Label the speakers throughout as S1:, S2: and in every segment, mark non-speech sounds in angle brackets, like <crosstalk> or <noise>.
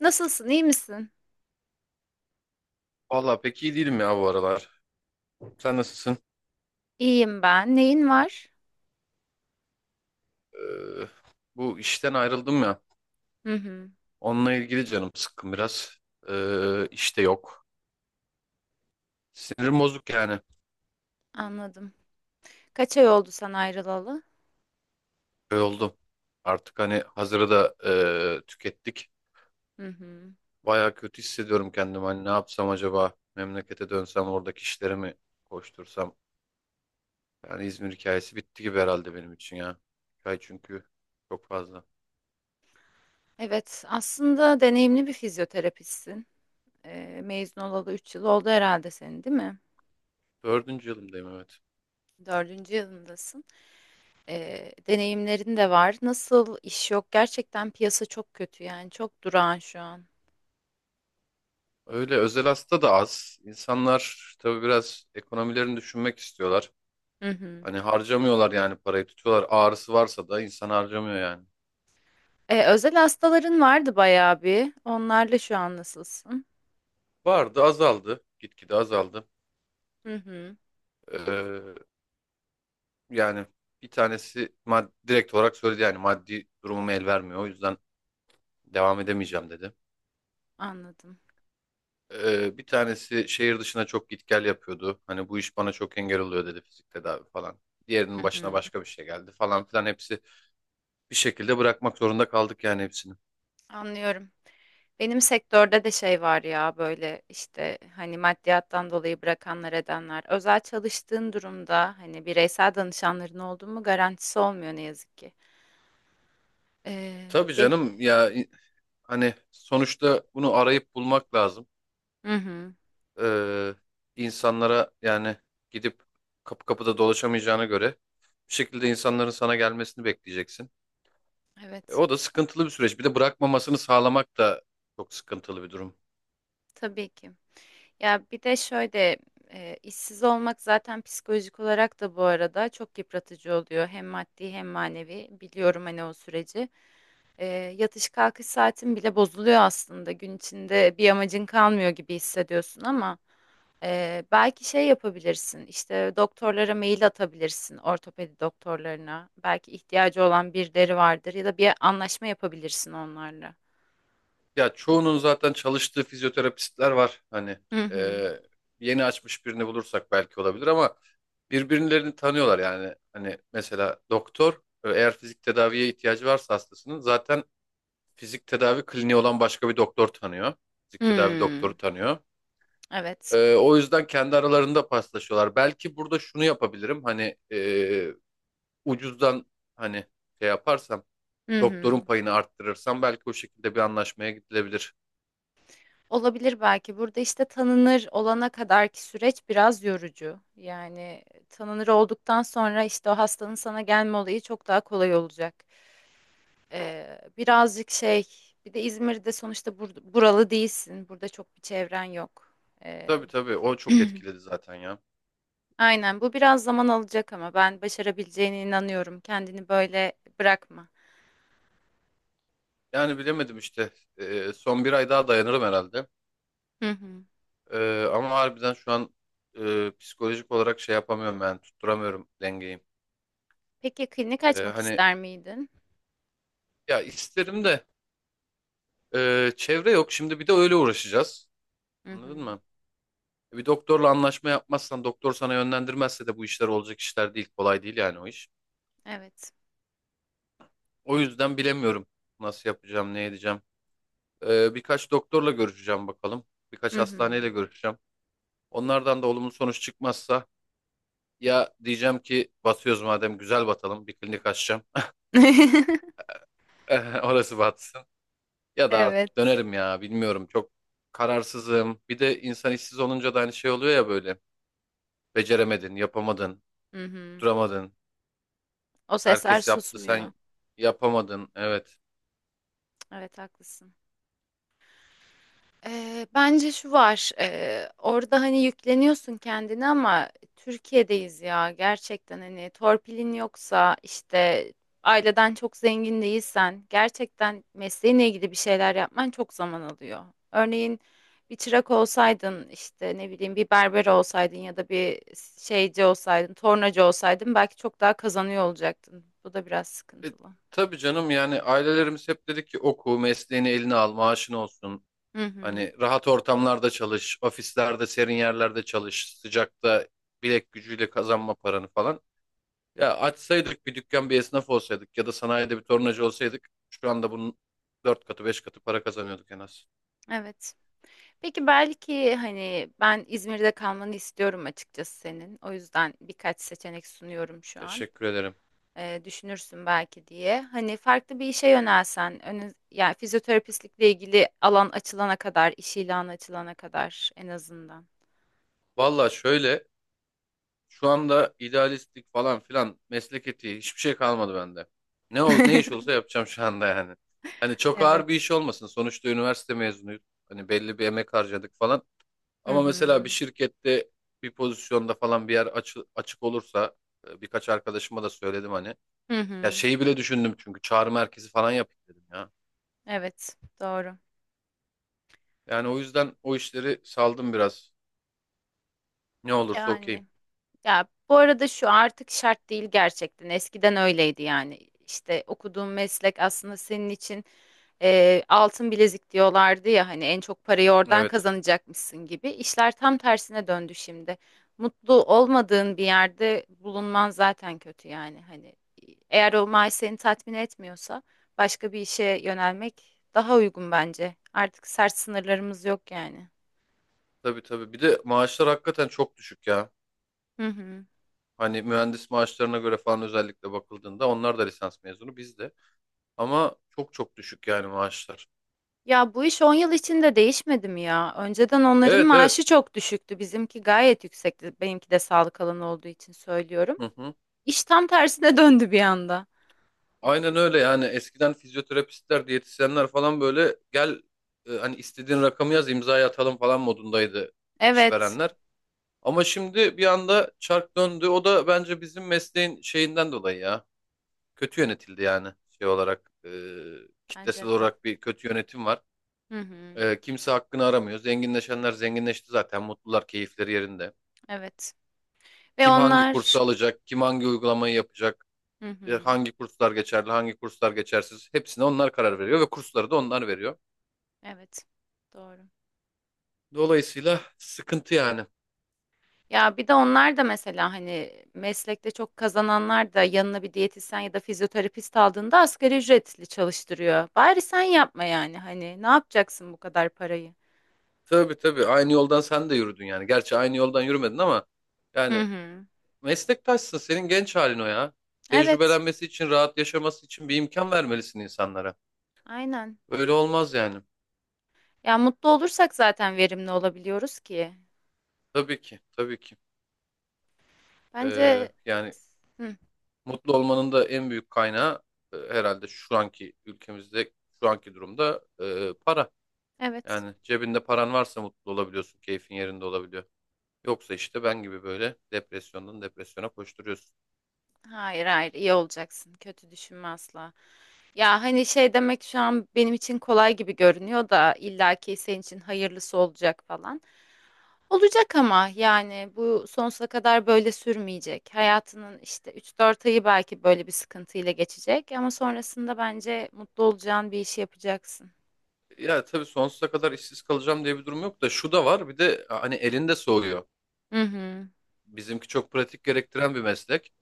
S1: Nasılsın, iyi misin?
S2: Valla pek iyi değilim ya bu aralar. Sen nasılsın?
S1: İyiyim ben. Neyin var?
S2: Ee, bu işten ayrıldım ya.
S1: Hı hı,
S2: Onunla ilgili canım sıkkın biraz. İşte yok. Sinirim bozuk yani.
S1: anladım. Kaç ay oldu sen ayrılalı?
S2: Böyle oldum. Artık hani hazırı da tükettik.
S1: Hı hı.
S2: Baya kötü hissediyorum kendimi. Hani ne yapsam acaba? Memlekete dönsem oradaki işleri mi koştursam? Yani İzmir hikayesi bitti gibi herhalde benim için ya. Hikaye çünkü çok fazla.
S1: Evet, aslında deneyimli bir fizyoterapistsin. Mezun olalı 3 yıl oldu herhalde senin, değil mi?
S2: Dördüncü yılımdayım, evet.
S1: Dördüncü yılındasın. Deneyimlerin de var. Nasıl iş yok? Gerçekten piyasa çok kötü yani. Çok durağan şu an.
S2: Öyle özel hasta da az. İnsanlar tabii biraz ekonomilerini düşünmek istiyorlar.
S1: Hı hı.
S2: Hani harcamıyorlar, yani parayı tutuyorlar. Ağrısı varsa da insan harcamıyor yani.
S1: Özel hastaların vardı bayağı bir. Onlarla şu an nasılsın?
S2: Vardı, azaldı. Gitgide azaldı.
S1: Hı hı,
S2: Ee, yani bir tanesi direkt olarak söyledi, yani maddi durumum el vermiyor, o yüzden devam edemeyeceğim dedi.
S1: anladım.
S2: Bir tanesi şehir dışına çok git gel yapıyordu. Hani bu iş bana çok engel oluyor dedi, fizik tedavi falan. Diğerinin
S1: Hı
S2: başına
S1: hı.
S2: başka bir şey geldi falan filan, hepsi bir şekilde bırakmak zorunda kaldık yani, hepsini.
S1: Anlıyorum. Benim sektörde de şey var ya, böyle işte, hani maddiyattan dolayı bırakanlar edenler. Özel çalıştığın durumda hani bireysel danışanların olduğu mu garantisi olmuyor ne yazık ki. Ee,
S2: Tabii
S1: ge-
S2: canım ya, hani sonuçta bunu arayıp bulmak lazım.
S1: Hı hı,
S2: Ee, insanlara yani, gidip kapı kapıda dolaşamayacağına göre, bir şekilde insanların sana gelmesini bekleyeceksin.
S1: evet,
S2: O da sıkıntılı bir süreç. Bir de bırakmamasını sağlamak da çok sıkıntılı bir durum.
S1: tabii ki. Ya bir de şöyle, işsiz olmak zaten psikolojik olarak da bu arada çok yıpratıcı oluyor. Hem maddi hem manevi, biliyorum hani o süreci. E, yatış kalkış saatin bile bozuluyor aslında. Gün içinde bir amacın kalmıyor gibi hissediyorsun ama. Belki şey yapabilirsin, işte doktorlara mail atabilirsin, ortopedi doktorlarına. Belki ihtiyacı olan birileri vardır ya da bir anlaşma yapabilirsin onlarla.
S2: Ya çoğunun zaten çalıştığı fizyoterapistler var. Hani
S1: Hı hı.
S2: e, yeni açmış birini bulursak belki olabilir ama birbirlerini tanıyorlar yani. Hani mesela doktor, eğer fizik tedaviye ihtiyacı varsa hastasının, zaten fizik tedavi kliniği olan başka bir doktor tanıyor. Fizik tedavi
S1: Hmm,
S2: doktoru tanıyor.
S1: evet.
S2: O yüzden kendi aralarında paslaşıyorlar. Belki burada şunu yapabilirim. Hani ucuzdan hani şey yaparsam,
S1: Hı
S2: doktorun
S1: hı.
S2: payını arttırırsam, belki o şekilde bir anlaşmaya gidilebilir.
S1: Olabilir belki. Burada işte tanınır olana kadarki süreç biraz yorucu. Yani tanınır olduktan sonra işte o hastanın sana gelme olayı çok daha kolay olacak. Birazcık şey, bir de İzmir'de sonuçta buralı değilsin. Burada çok bir çevren yok.
S2: Tabii tabii, o çok etkiledi
S1: <clears throat>
S2: zaten ya.
S1: Aynen, bu biraz zaman alacak ama ben başarabileceğine inanıyorum. Kendini böyle bırakma.
S2: Yani bilemedim işte. Son bir ay daha dayanırım herhalde.
S1: Hı hı.
S2: Ama harbiden şu an psikolojik olarak şey yapamıyorum, ben tutturamıyorum dengeyi.
S1: Peki, klinik açmak
S2: Hani
S1: ister miydin?
S2: ya isterim de, çevre yok. Şimdi bir de öyle uğraşacağız.
S1: Hı
S2: Anladın
S1: hı.
S2: mı? Bir doktorla anlaşma yapmazsan, doktor sana yönlendirmezse de bu işler olacak işler değil. Kolay değil yani o iş.
S1: Evet.
S2: O yüzden bilemiyorum nasıl yapacağım, ne edeceğim. Birkaç doktorla görüşeceğim bakalım. Birkaç
S1: Hı hı.
S2: hastaneyle görüşeceğim. Onlardan da olumlu sonuç çıkmazsa, ya diyeceğim ki batıyoruz madem, güzel batalım, bir klinik açacağım.
S1: <laughs>
S2: <laughs> Orası batsın. Ya da artık
S1: Evet.
S2: dönerim ya, bilmiyorum, çok kararsızım. Bir de insan işsiz olunca da aynı şey oluyor ya böyle. Beceremedin, yapamadın,
S1: Hı hı.
S2: duramadın.
S1: O sesler
S2: Herkes yaptı,
S1: susmuyor.
S2: sen yapamadın. Evet.
S1: Evet, haklısın. Bence şu var. Orada hani yükleniyorsun kendini ama Türkiye'deyiz ya. Gerçekten hani torpilin yoksa, işte aileden çok zengin değilsen, gerçekten mesleğinle ilgili bir şeyler yapman çok zaman alıyor. Örneğin bir çırak olsaydın, işte ne bileyim, bir berber olsaydın ya da bir şeyci olsaydın, tornacı olsaydın belki çok daha kazanıyor olacaktın. Bu da biraz
S2: E,
S1: sıkıntılı.
S2: tabii canım, yani ailelerimiz hep dedi ki oku, mesleğini eline al, maaşın olsun.
S1: Hı hı.
S2: Hani rahat ortamlarda çalış, ofislerde, serin yerlerde çalış, sıcakta bilek gücüyle kazanma paranı falan. Ya açsaydık bir dükkan, bir esnaf olsaydık ya da sanayide bir tornacı olsaydık, şu anda bunun 4 katı 5 katı para kazanıyorduk en az.
S1: Evet. Peki, belki, hani ben İzmir'de kalmanı istiyorum açıkçası senin. O yüzden birkaç seçenek sunuyorum şu an.
S2: Teşekkür ederim.
S1: Düşünürsün belki diye. Hani farklı bir işe yönelsen, önü, yani fizyoterapistlikle ilgili alan açılana kadar, iş ilanı açılana kadar en azından.
S2: Valla şöyle, şu anda idealistlik falan filan, meslek etiği, hiçbir şey kalmadı bende. Ne ol, ne iş olsa
S1: <laughs>
S2: yapacağım şu anda yani. Hani çok ağır bir
S1: Evet.
S2: iş olmasın. Sonuçta üniversite mezunuyuz. Hani belli bir emek harcadık falan.
S1: Hı
S2: Ama mesela bir
S1: hı.
S2: şirkette bir pozisyonda falan bir yer açık olursa, birkaç arkadaşıma da söyledim hani.
S1: Hı
S2: Ya
S1: hı.
S2: şeyi bile düşündüm, çünkü çağrı merkezi falan yapayım dedim ya.
S1: Evet, doğru.
S2: Yani o yüzden o işleri saldım biraz. Ne olursa okeyim.
S1: Yani. Ya bu arada şu artık şart değil gerçekten. Eskiden öyleydi yani. İşte okuduğun meslek aslında senin için altın bilezik diyorlardı ya, hani en çok parayı oradan
S2: Evet.
S1: kazanacakmışsın gibi. İşler tam tersine döndü şimdi. Mutlu olmadığın bir yerde bulunman zaten kötü yani. Hani eğer o maaş seni tatmin etmiyorsa başka bir işe yönelmek daha uygun bence. Artık sert sınırlarımız yok yani.
S2: Tabii tabii. Bir de maaşlar hakikaten çok düşük ya.
S1: Hı hı.
S2: Hani mühendis maaşlarına göre falan özellikle bakıldığında, onlar da lisans mezunu, biz de. Ama çok çok düşük yani maaşlar.
S1: Ya bu iş 10 yıl içinde değişmedi mi ya? Önceden onların
S2: Evet,
S1: maaşı
S2: evet.
S1: çok düşüktü. Bizimki gayet yüksekti. Benimki de sağlık alanı olduğu için söylüyorum.
S2: Hı hı.
S1: İş tam tersine <laughs> döndü bir anda.
S2: Aynen öyle yani, eskiden fizyoterapistler, diyetisyenler falan böyle gel, hani istediğin rakamı yaz, imzaya atalım falan modundaydı
S1: Evet,
S2: işverenler. Ama şimdi bir anda çark döndü. O da bence bizim mesleğin şeyinden dolayı ya. Kötü yönetildi yani, şey olarak. Kitlesel
S1: bence de.
S2: olarak bir kötü yönetim var.
S1: Hı hı,
S2: Kimse hakkını aramıyor. Zenginleşenler zenginleşti zaten. Mutlular, keyifleri yerinde.
S1: evet. Ve
S2: Kim hangi kursu
S1: onlar...
S2: alacak, kim hangi uygulamayı yapacak,
S1: Hı hı,
S2: hangi kurslar geçerli, hangi kurslar geçersiz, hepsine onlar karar veriyor ve kursları da onlar veriyor.
S1: evet, doğru.
S2: Dolayısıyla sıkıntı yani.
S1: Ya bir de onlar da mesela, hani meslekte çok kazananlar da yanına bir diyetisyen ya da fizyoterapist aldığında asgari ücretli çalıştırıyor. Bari sen yapma yani, hani ne yapacaksın bu kadar parayı?
S2: Tabii tabii, aynı yoldan sen de yürüdün yani. Gerçi aynı yoldan yürümedin ama
S1: Hı
S2: yani
S1: hı.
S2: meslektaşsın, senin genç halin o ya.
S1: Evet.
S2: Tecrübelenmesi için, rahat yaşaması için bir imkan vermelisin insanlara.
S1: Aynen.
S2: Öyle olmaz yani.
S1: Ya mutlu olursak zaten verimli olabiliyoruz ki.
S2: Tabii ki, tabii ki.
S1: Bence.
S2: Yani
S1: Hı,
S2: mutlu olmanın da en büyük kaynağı herhalde şu anki ülkemizde, şu anki durumda para.
S1: evet.
S2: Yani cebinde paran varsa mutlu olabiliyorsun, keyfin yerinde olabiliyor. Yoksa işte ben gibi böyle depresyondan depresyona koşturuyorsun.
S1: Hayır hayır, iyi olacaksın. Kötü düşünme asla. Ya hani, şey demek şu an benim için kolay gibi görünüyor da illaki senin için hayırlısı olacak falan. Olacak ama yani bu sonsuza kadar böyle sürmeyecek. Hayatının işte 3-4 ayı belki böyle bir sıkıntıyla geçecek ama sonrasında bence mutlu olacağın bir işi yapacaksın.
S2: Ya tabii, sonsuza kadar işsiz kalacağım diye bir durum yok da, şu da var. Bir de hani elinde soğuyor.
S1: Hı hı.
S2: Bizimki çok pratik gerektiren bir meslek.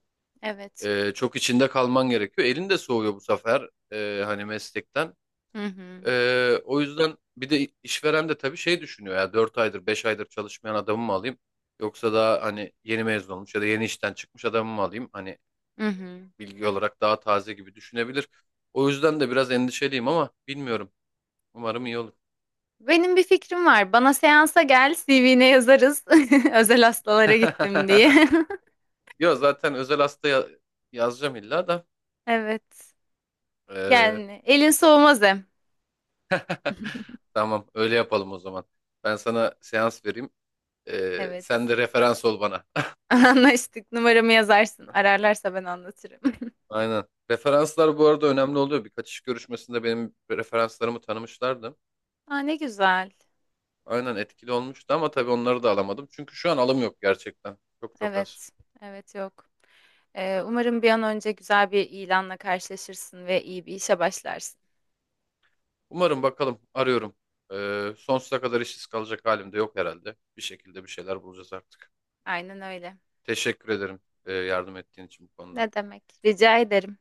S1: Evet.
S2: Çok içinde kalman gerekiyor. Elinde soğuyor bu sefer, hani meslekten.
S1: Hı hı.
S2: O yüzden bir de işveren de tabii şey düşünüyor ya, 4 aydır 5 aydır çalışmayan adamı mı alayım, yoksa daha hani yeni mezun olmuş ya da yeni işten çıkmış adamı mı alayım, hani
S1: Hı hı.
S2: bilgi olarak daha taze gibi düşünebilir. O yüzden de biraz endişeliyim ama bilmiyorum. Umarım iyi olur.
S1: Benim bir fikrim var. Bana seansa gel, CV'ne yazarız. <laughs> Özel hastalara gittim
S2: <laughs>
S1: diye. <laughs>
S2: Yok zaten özel hasta yazacağım illa da.
S1: Evet.
S2: Ee,
S1: Yani elin soğumaz hem. <laughs>
S2: <laughs> tamam, öyle yapalım o zaman. Ben sana seans vereyim. Sen
S1: Evet.
S2: de referans ol bana.
S1: <laughs> Anlaştık. Numaramı yazarsın. Ararlarsa ben anlatırım. <laughs>
S2: Aynen. Referanslar bu arada önemli oluyor. Birkaç iş görüşmesinde benim referanslarımı tanımışlardı.
S1: Aa, ne güzel.
S2: Aynen, etkili olmuştu ama tabii onları da alamadım. Çünkü şu an alım yok gerçekten. Çok çok az.
S1: Evet. Evet, yok. Umarım bir an önce güzel bir ilanla karşılaşırsın ve iyi bir işe başlarsın.
S2: Umarım, bakalım, arıyorum. Sonsuza kadar işsiz kalacak halim de yok herhalde. Bir şekilde bir şeyler bulacağız artık.
S1: Aynen öyle.
S2: Teşekkür ederim yardım ettiğin için bu konuda.
S1: Ne demek? Rica ederim.